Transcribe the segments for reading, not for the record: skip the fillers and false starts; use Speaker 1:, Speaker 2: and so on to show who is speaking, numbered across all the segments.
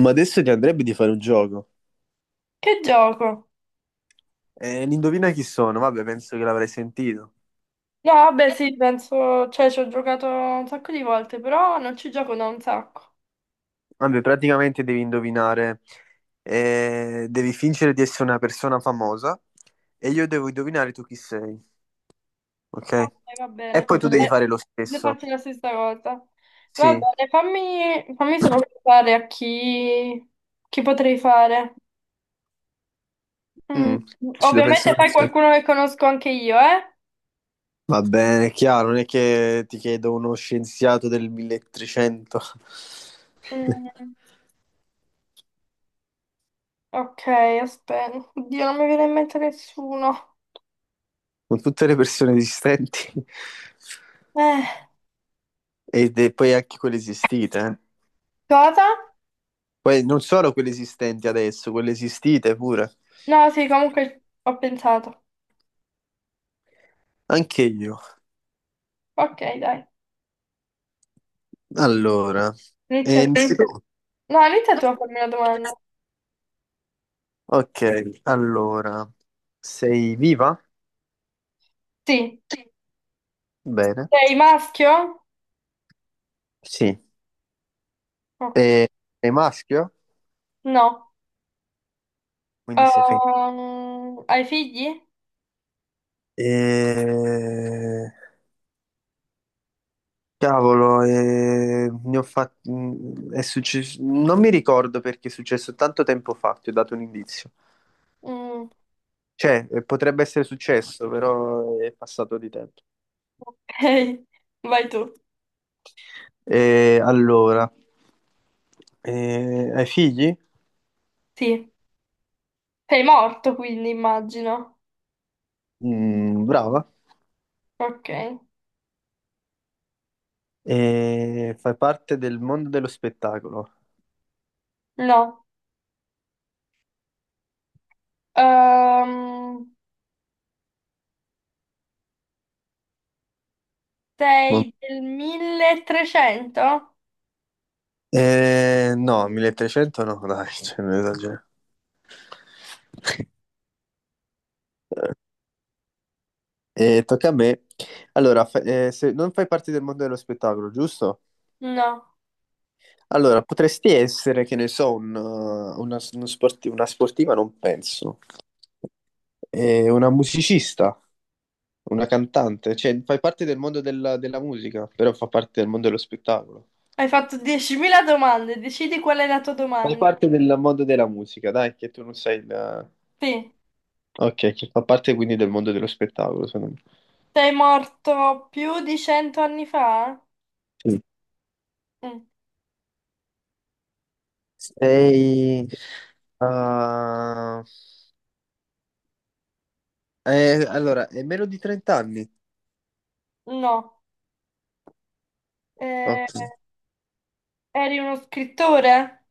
Speaker 1: Ma adesso ti andrebbe di fare un gioco.
Speaker 2: Che gioco?
Speaker 1: Indovina chi sono? Vabbè, penso che l'avrai sentito.
Speaker 2: No, vabbè, sì, penso, cioè ci ho giocato un sacco di volte, però non ci gioco da un sacco.
Speaker 1: Vabbè, praticamente devi indovinare, devi fingere di essere una persona famosa e io devo indovinare tu chi sei,
Speaker 2: Ok,
Speaker 1: ok?
Speaker 2: va
Speaker 1: E
Speaker 2: bene.
Speaker 1: poi tu devi
Speaker 2: Eh,
Speaker 1: fare lo
Speaker 2: ne
Speaker 1: stesso.
Speaker 2: faccio la stessa cosa. Va
Speaker 1: Sì,
Speaker 2: bene, fammi solo pensare a chi, potrei fare. Mm.
Speaker 1: Mm, Ci devo
Speaker 2: Ovviamente
Speaker 1: pensare.
Speaker 2: fai
Speaker 1: Sì.
Speaker 2: qualcuno che conosco anche io, eh?
Speaker 1: Va bene, è chiaro, non è che ti chiedo uno scienziato del 1300
Speaker 2: Mm, ok, aspetta. Oddio, non mi viene in mente nessuno.
Speaker 1: con tutte le persone esistenti
Speaker 2: Eh,
Speaker 1: e poi anche quelle esistite, eh.
Speaker 2: cosa?
Speaker 1: Poi non solo quelle esistenti adesso, quelle esistite pure.
Speaker 2: No, sì, comunque ho pensato.
Speaker 1: Anche io.
Speaker 2: Ok, dai.
Speaker 1: Allora, sì.
Speaker 2: Inizia.
Speaker 1: Innanzitutto,
Speaker 2: No, inizia tu a farmi una domanda.
Speaker 1: ok, allora, sei viva?
Speaker 2: Sì.
Speaker 1: Bene.
Speaker 2: Sei maschio?
Speaker 1: Sì.
Speaker 2: Oh,
Speaker 1: E- Sei maschio?
Speaker 2: no.
Speaker 1: Quindi sei femminile.
Speaker 2: Hai figli?
Speaker 1: Eh, Cavolo, è successo. Non mi ricordo, perché è successo tanto tempo fa, ti ho dato un indizio.
Speaker 2: Mm,
Speaker 1: Cioè, potrebbe essere successo, però è passato di tempo.
Speaker 2: ok. Vai tu.
Speaker 1: E allora, hai figli?
Speaker 2: Sì. Sei morto, quindi immagino.
Speaker 1: Mm, brava.
Speaker 2: Ok.
Speaker 1: E fai parte del mondo dello spettacolo?
Speaker 2: No. Ehm, Sei
Speaker 1: Mo-
Speaker 2: del 1300?
Speaker 1: no, 1300 no, dai, cioè, non esagero. E tocca a me. Allora, se non fai parte del mondo dello spettacolo, giusto?
Speaker 2: No.
Speaker 1: Allora, potresti essere, che ne so, un, una, uno sporti- una sportiva, non penso. Una musicista? Una cantante, cioè fai parte del mondo della musica, però fa parte del mondo dello spettacolo.
Speaker 2: Hai fatto 10.000 domande, decidi qual è la tua
Speaker 1: Fai
Speaker 2: domanda.
Speaker 1: parte del mondo della musica, dai, che tu non sei da.
Speaker 2: Sì.
Speaker 1: Ok, che fa parte quindi del mondo dello spettacolo, secondo me.
Speaker 2: Sei morto più di 100 anni fa?
Speaker 1: Sì.
Speaker 2: Mm,
Speaker 1: Sei... ah, allora, è meno di 30 anni.
Speaker 2: no. Eh,
Speaker 1: Ok.
Speaker 2: Eri uno scrittore?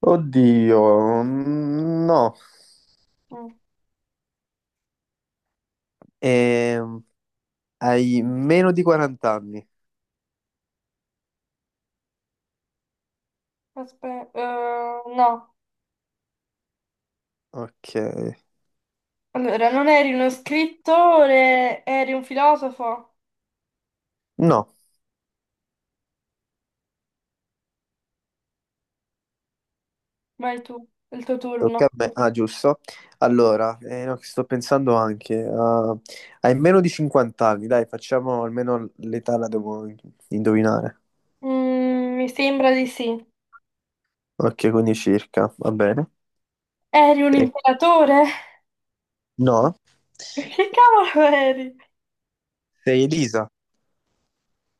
Speaker 1: Oddio, no.
Speaker 2: Mm.
Speaker 1: Ehm, Hai meno di 40 anni.
Speaker 2: Aspetta, no.
Speaker 1: Ok.
Speaker 2: Allora, non eri uno scrittore, eri un filosofo?
Speaker 1: No.
Speaker 2: Vai tu, è il tuo
Speaker 1: Tocca
Speaker 2: turno.
Speaker 1: a me. Ah, giusto. Allora, no, che sto pensando anche. Hai meno di 50 anni, dai, facciamo almeno l'età la devo indovinare.
Speaker 2: Mi sembra di sì.
Speaker 1: Ok, quindi circa, va bene.
Speaker 2: Eri un
Speaker 1: Eh,
Speaker 2: imperatore?
Speaker 1: no?
Speaker 2: Che cavolo eri?
Speaker 1: Sei Elisa.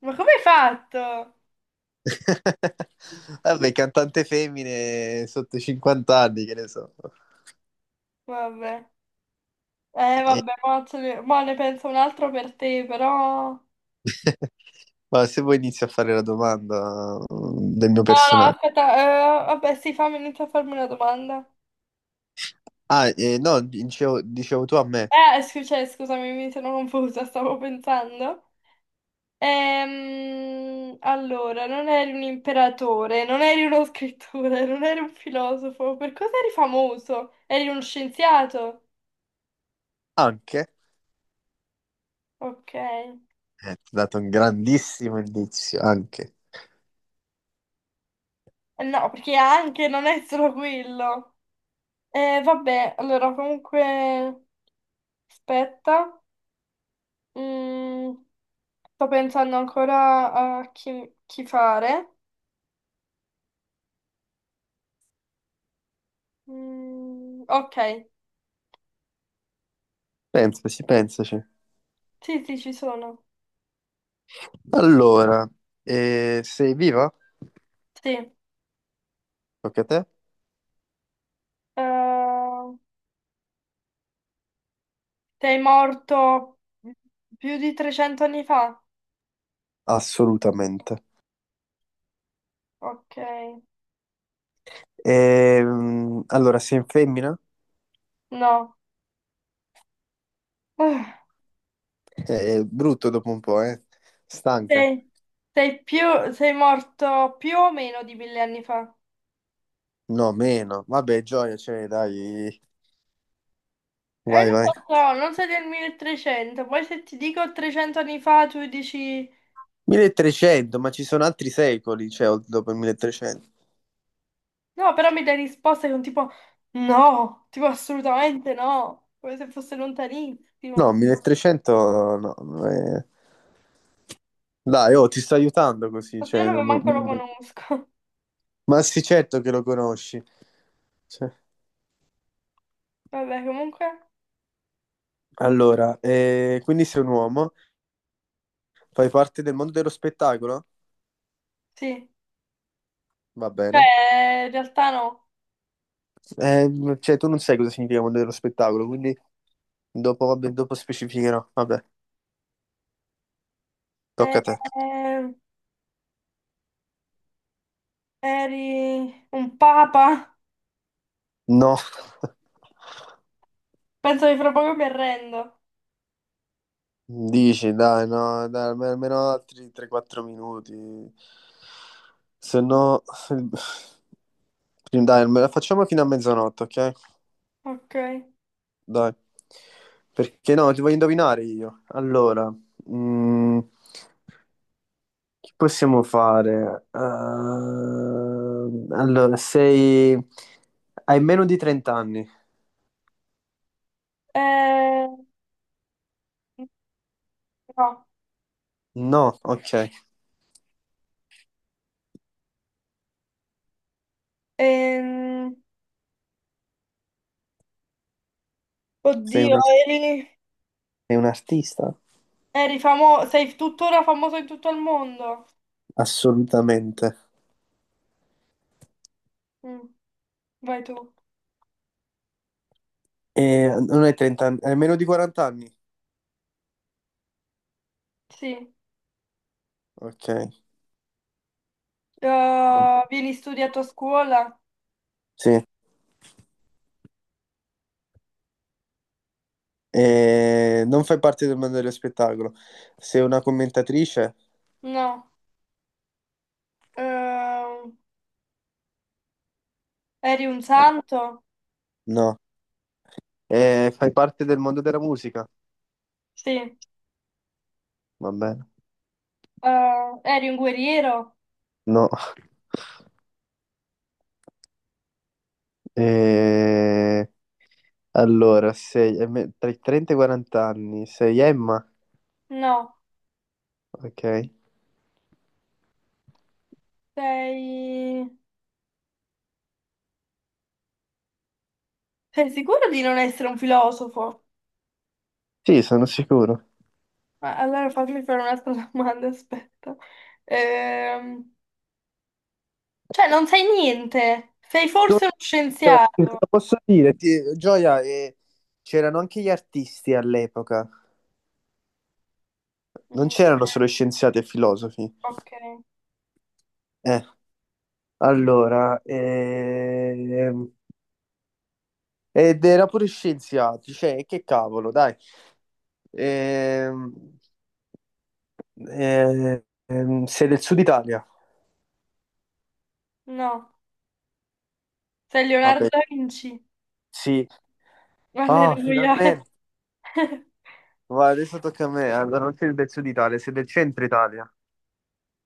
Speaker 2: Ma come hai fatto?
Speaker 1: Vabbè, cantante femmine sotto i 50 anni, che ne so.
Speaker 2: Vabbè.
Speaker 1: Eh,
Speaker 2: Vabbè, mo, ce ne mo ne penso un altro per te, però.
Speaker 1: Ma se vuoi inizio a fare la domanda, del mio
Speaker 2: No, no,
Speaker 1: personaggio.
Speaker 2: aspetta, vabbè, sì, fammi iniziare a farmi una domanda.
Speaker 1: Ah, no, dicevo tu a me.
Speaker 2: Cioè, scusami, mi sono confusa, stavo pensando. Allora, non eri un imperatore, non eri uno scrittore, non eri un filosofo. Per cosa eri famoso? Eri uno scienziato?
Speaker 1: Anche?
Speaker 2: Ok.
Speaker 1: Ti ho dato un grandissimo indizio anche.
Speaker 2: No, perché anche non è solo quello. Vabbè, allora comunque. Aspetta. Mm, Sto pensando ancora a chi fare. Mm, ok.
Speaker 1: Pensaci, pensaci.
Speaker 2: Sì, sì, ci sono.
Speaker 1: Allora, sei viva?
Speaker 2: Sì.
Speaker 1: Tocca a te?
Speaker 2: Ehm, Sei morto più di 300 anni fa?
Speaker 1: Assolutamente.
Speaker 2: Ok,
Speaker 1: Allora, sei in femmina?
Speaker 2: no. Ah,
Speaker 1: È brutto dopo un po', eh? Stanca?
Speaker 2: Sei, sei più, sei morto più o meno di 1000 anni fa?
Speaker 1: No, meno. Vabbè, gioia, cioè, dai.
Speaker 2: Non
Speaker 1: Vai, vai.
Speaker 2: lo so, non sei del 1300. Poi se ti dico 300 anni fa, tu dici.
Speaker 1: 1300, ma ci sono altri secoli, cioè, dopo il 1300.
Speaker 2: No, però mi dai risposte con tipo. No, tipo assolutamente no. Come se fosse
Speaker 1: No,
Speaker 2: lontanissimo.
Speaker 1: 1300 no. Eh. Dai, oh, ti sto aiutando così,
Speaker 2: Ma io
Speaker 1: cioè...
Speaker 2: non mi
Speaker 1: non-
Speaker 2: manco lo conosco.
Speaker 1: Ma sì, certo che lo conosci. Cioè,
Speaker 2: Vabbè, comunque.
Speaker 1: allora, quindi sei un uomo, fai parte del mondo dello spettacolo?
Speaker 2: Sì.
Speaker 1: Va bene.
Speaker 2: Cioè, in realtà no.
Speaker 1: Cioè, tu non sai cosa significa mondo dello spettacolo, quindi dopo, vabbè, dopo specificherò. Vabbè,
Speaker 2: Eh,
Speaker 1: tocca a te.
Speaker 2: Eri un papa?
Speaker 1: No,
Speaker 2: Penso che fra poco mi arrendo.
Speaker 1: dici, dai, no, dai, almeno altri 3-4 minuti. Se no, dai, facciamo fino a mezzanotte, ok?
Speaker 2: Ok.
Speaker 1: Dai, perché no, ti voglio indovinare io. Allora, mm, che possiamo fare? Allora, hai meno di 30 anni?
Speaker 2: Eh, no.
Speaker 1: No, ok.
Speaker 2: Ehm,
Speaker 1: Sei
Speaker 2: Oddio,
Speaker 1: un,
Speaker 2: eri,
Speaker 1: Sei un artista?
Speaker 2: eri famoso. Sei tuttora famoso in tutto il mondo.
Speaker 1: Assolutamente.
Speaker 2: Mm, Vai tu.
Speaker 1: E non hai 30 anni, hai meno di 40 anni?
Speaker 2: Sì.
Speaker 1: Ok.
Speaker 2: Vieni studiato a scuola?
Speaker 1: Sì. E non fai parte del mondo dello spettacolo. Sei una commentatrice?
Speaker 2: No. Ehm, Eri un santo?
Speaker 1: No. E fai parte del mondo della musica?
Speaker 2: Sì.
Speaker 1: Va bene.
Speaker 2: Eri un guerriero?
Speaker 1: No. Eh, Allora, tra i 30 e i 40 anni, sei Emma?
Speaker 2: No.
Speaker 1: Ok.
Speaker 2: Sei... Sei sicuro di non essere un filosofo?
Speaker 1: Sì, sono sicuro.
Speaker 2: Ma allora fammi fare un'altra domanda, aspetta. Ehm, cioè, non sai niente. Sei forse uno
Speaker 1: Gioia, te
Speaker 2: scienziato.
Speaker 1: lo posso dire, Gioia, c'erano anche gli artisti all'epoca, non
Speaker 2: Mm,
Speaker 1: c'erano solo scienziati e filosofi.
Speaker 2: ok,
Speaker 1: Eh, allora, ed era pure scienziati, cioè, che cavolo, dai. Ehm, Sei del sud Italia?
Speaker 2: no. Sei Leonardo
Speaker 1: Vabbè,
Speaker 2: da Vinci.
Speaker 1: sì. Ah,
Speaker 2: Alleluia.
Speaker 1: finalmente. Va, adesso tocca a me. Allora, non sei del sud Italia, sei del centro Italia.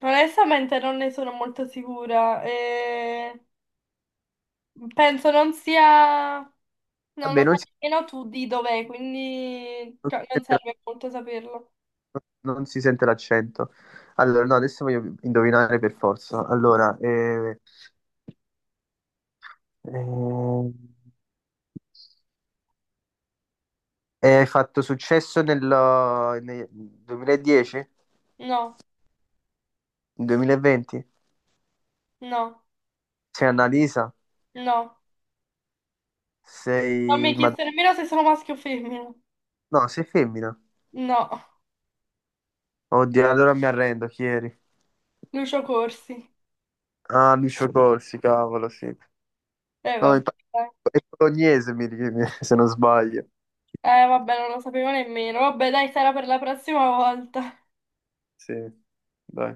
Speaker 2: Onestamente non ne sono molto sicura. Penso non sia. Non
Speaker 1: Vabbè,
Speaker 2: lo sai nemmeno tu di dov'è, quindi
Speaker 1: non
Speaker 2: cioè,
Speaker 1: si
Speaker 2: non serve molto saperlo.
Speaker 1: non si sente l'accento. Allora, no, adesso voglio indovinare per forza. Allora, eh, hai fatto successo nel 2010? Nel
Speaker 2: No,
Speaker 1: 2020?
Speaker 2: no,
Speaker 1: Sei Annalisa?
Speaker 2: no. Non mi hai
Speaker 1: Sei... Ma...
Speaker 2: chiesto nemmeno se sono maschio o femmina.
Speaker 1: No, sei femmina.
Speaker 2: No.
Speaker 1: Oddio, allora mi arrendo, chi eri?
Speaker 2: Lucio Corsi.
Speaker 1: Ah, Lucio Corsi, cavolo, sì. No,
Speaker 2: Vabbè,
Speaker 1: infatti
Speaker 2: dai.
Speaker 1: è bolognese, se non sbaglio.
Speaker 2: Vabbè, non lo sapevo nemmeno. Vabbè, dai, sarà per la prossima volta.
Speaker 1: Sì, dai.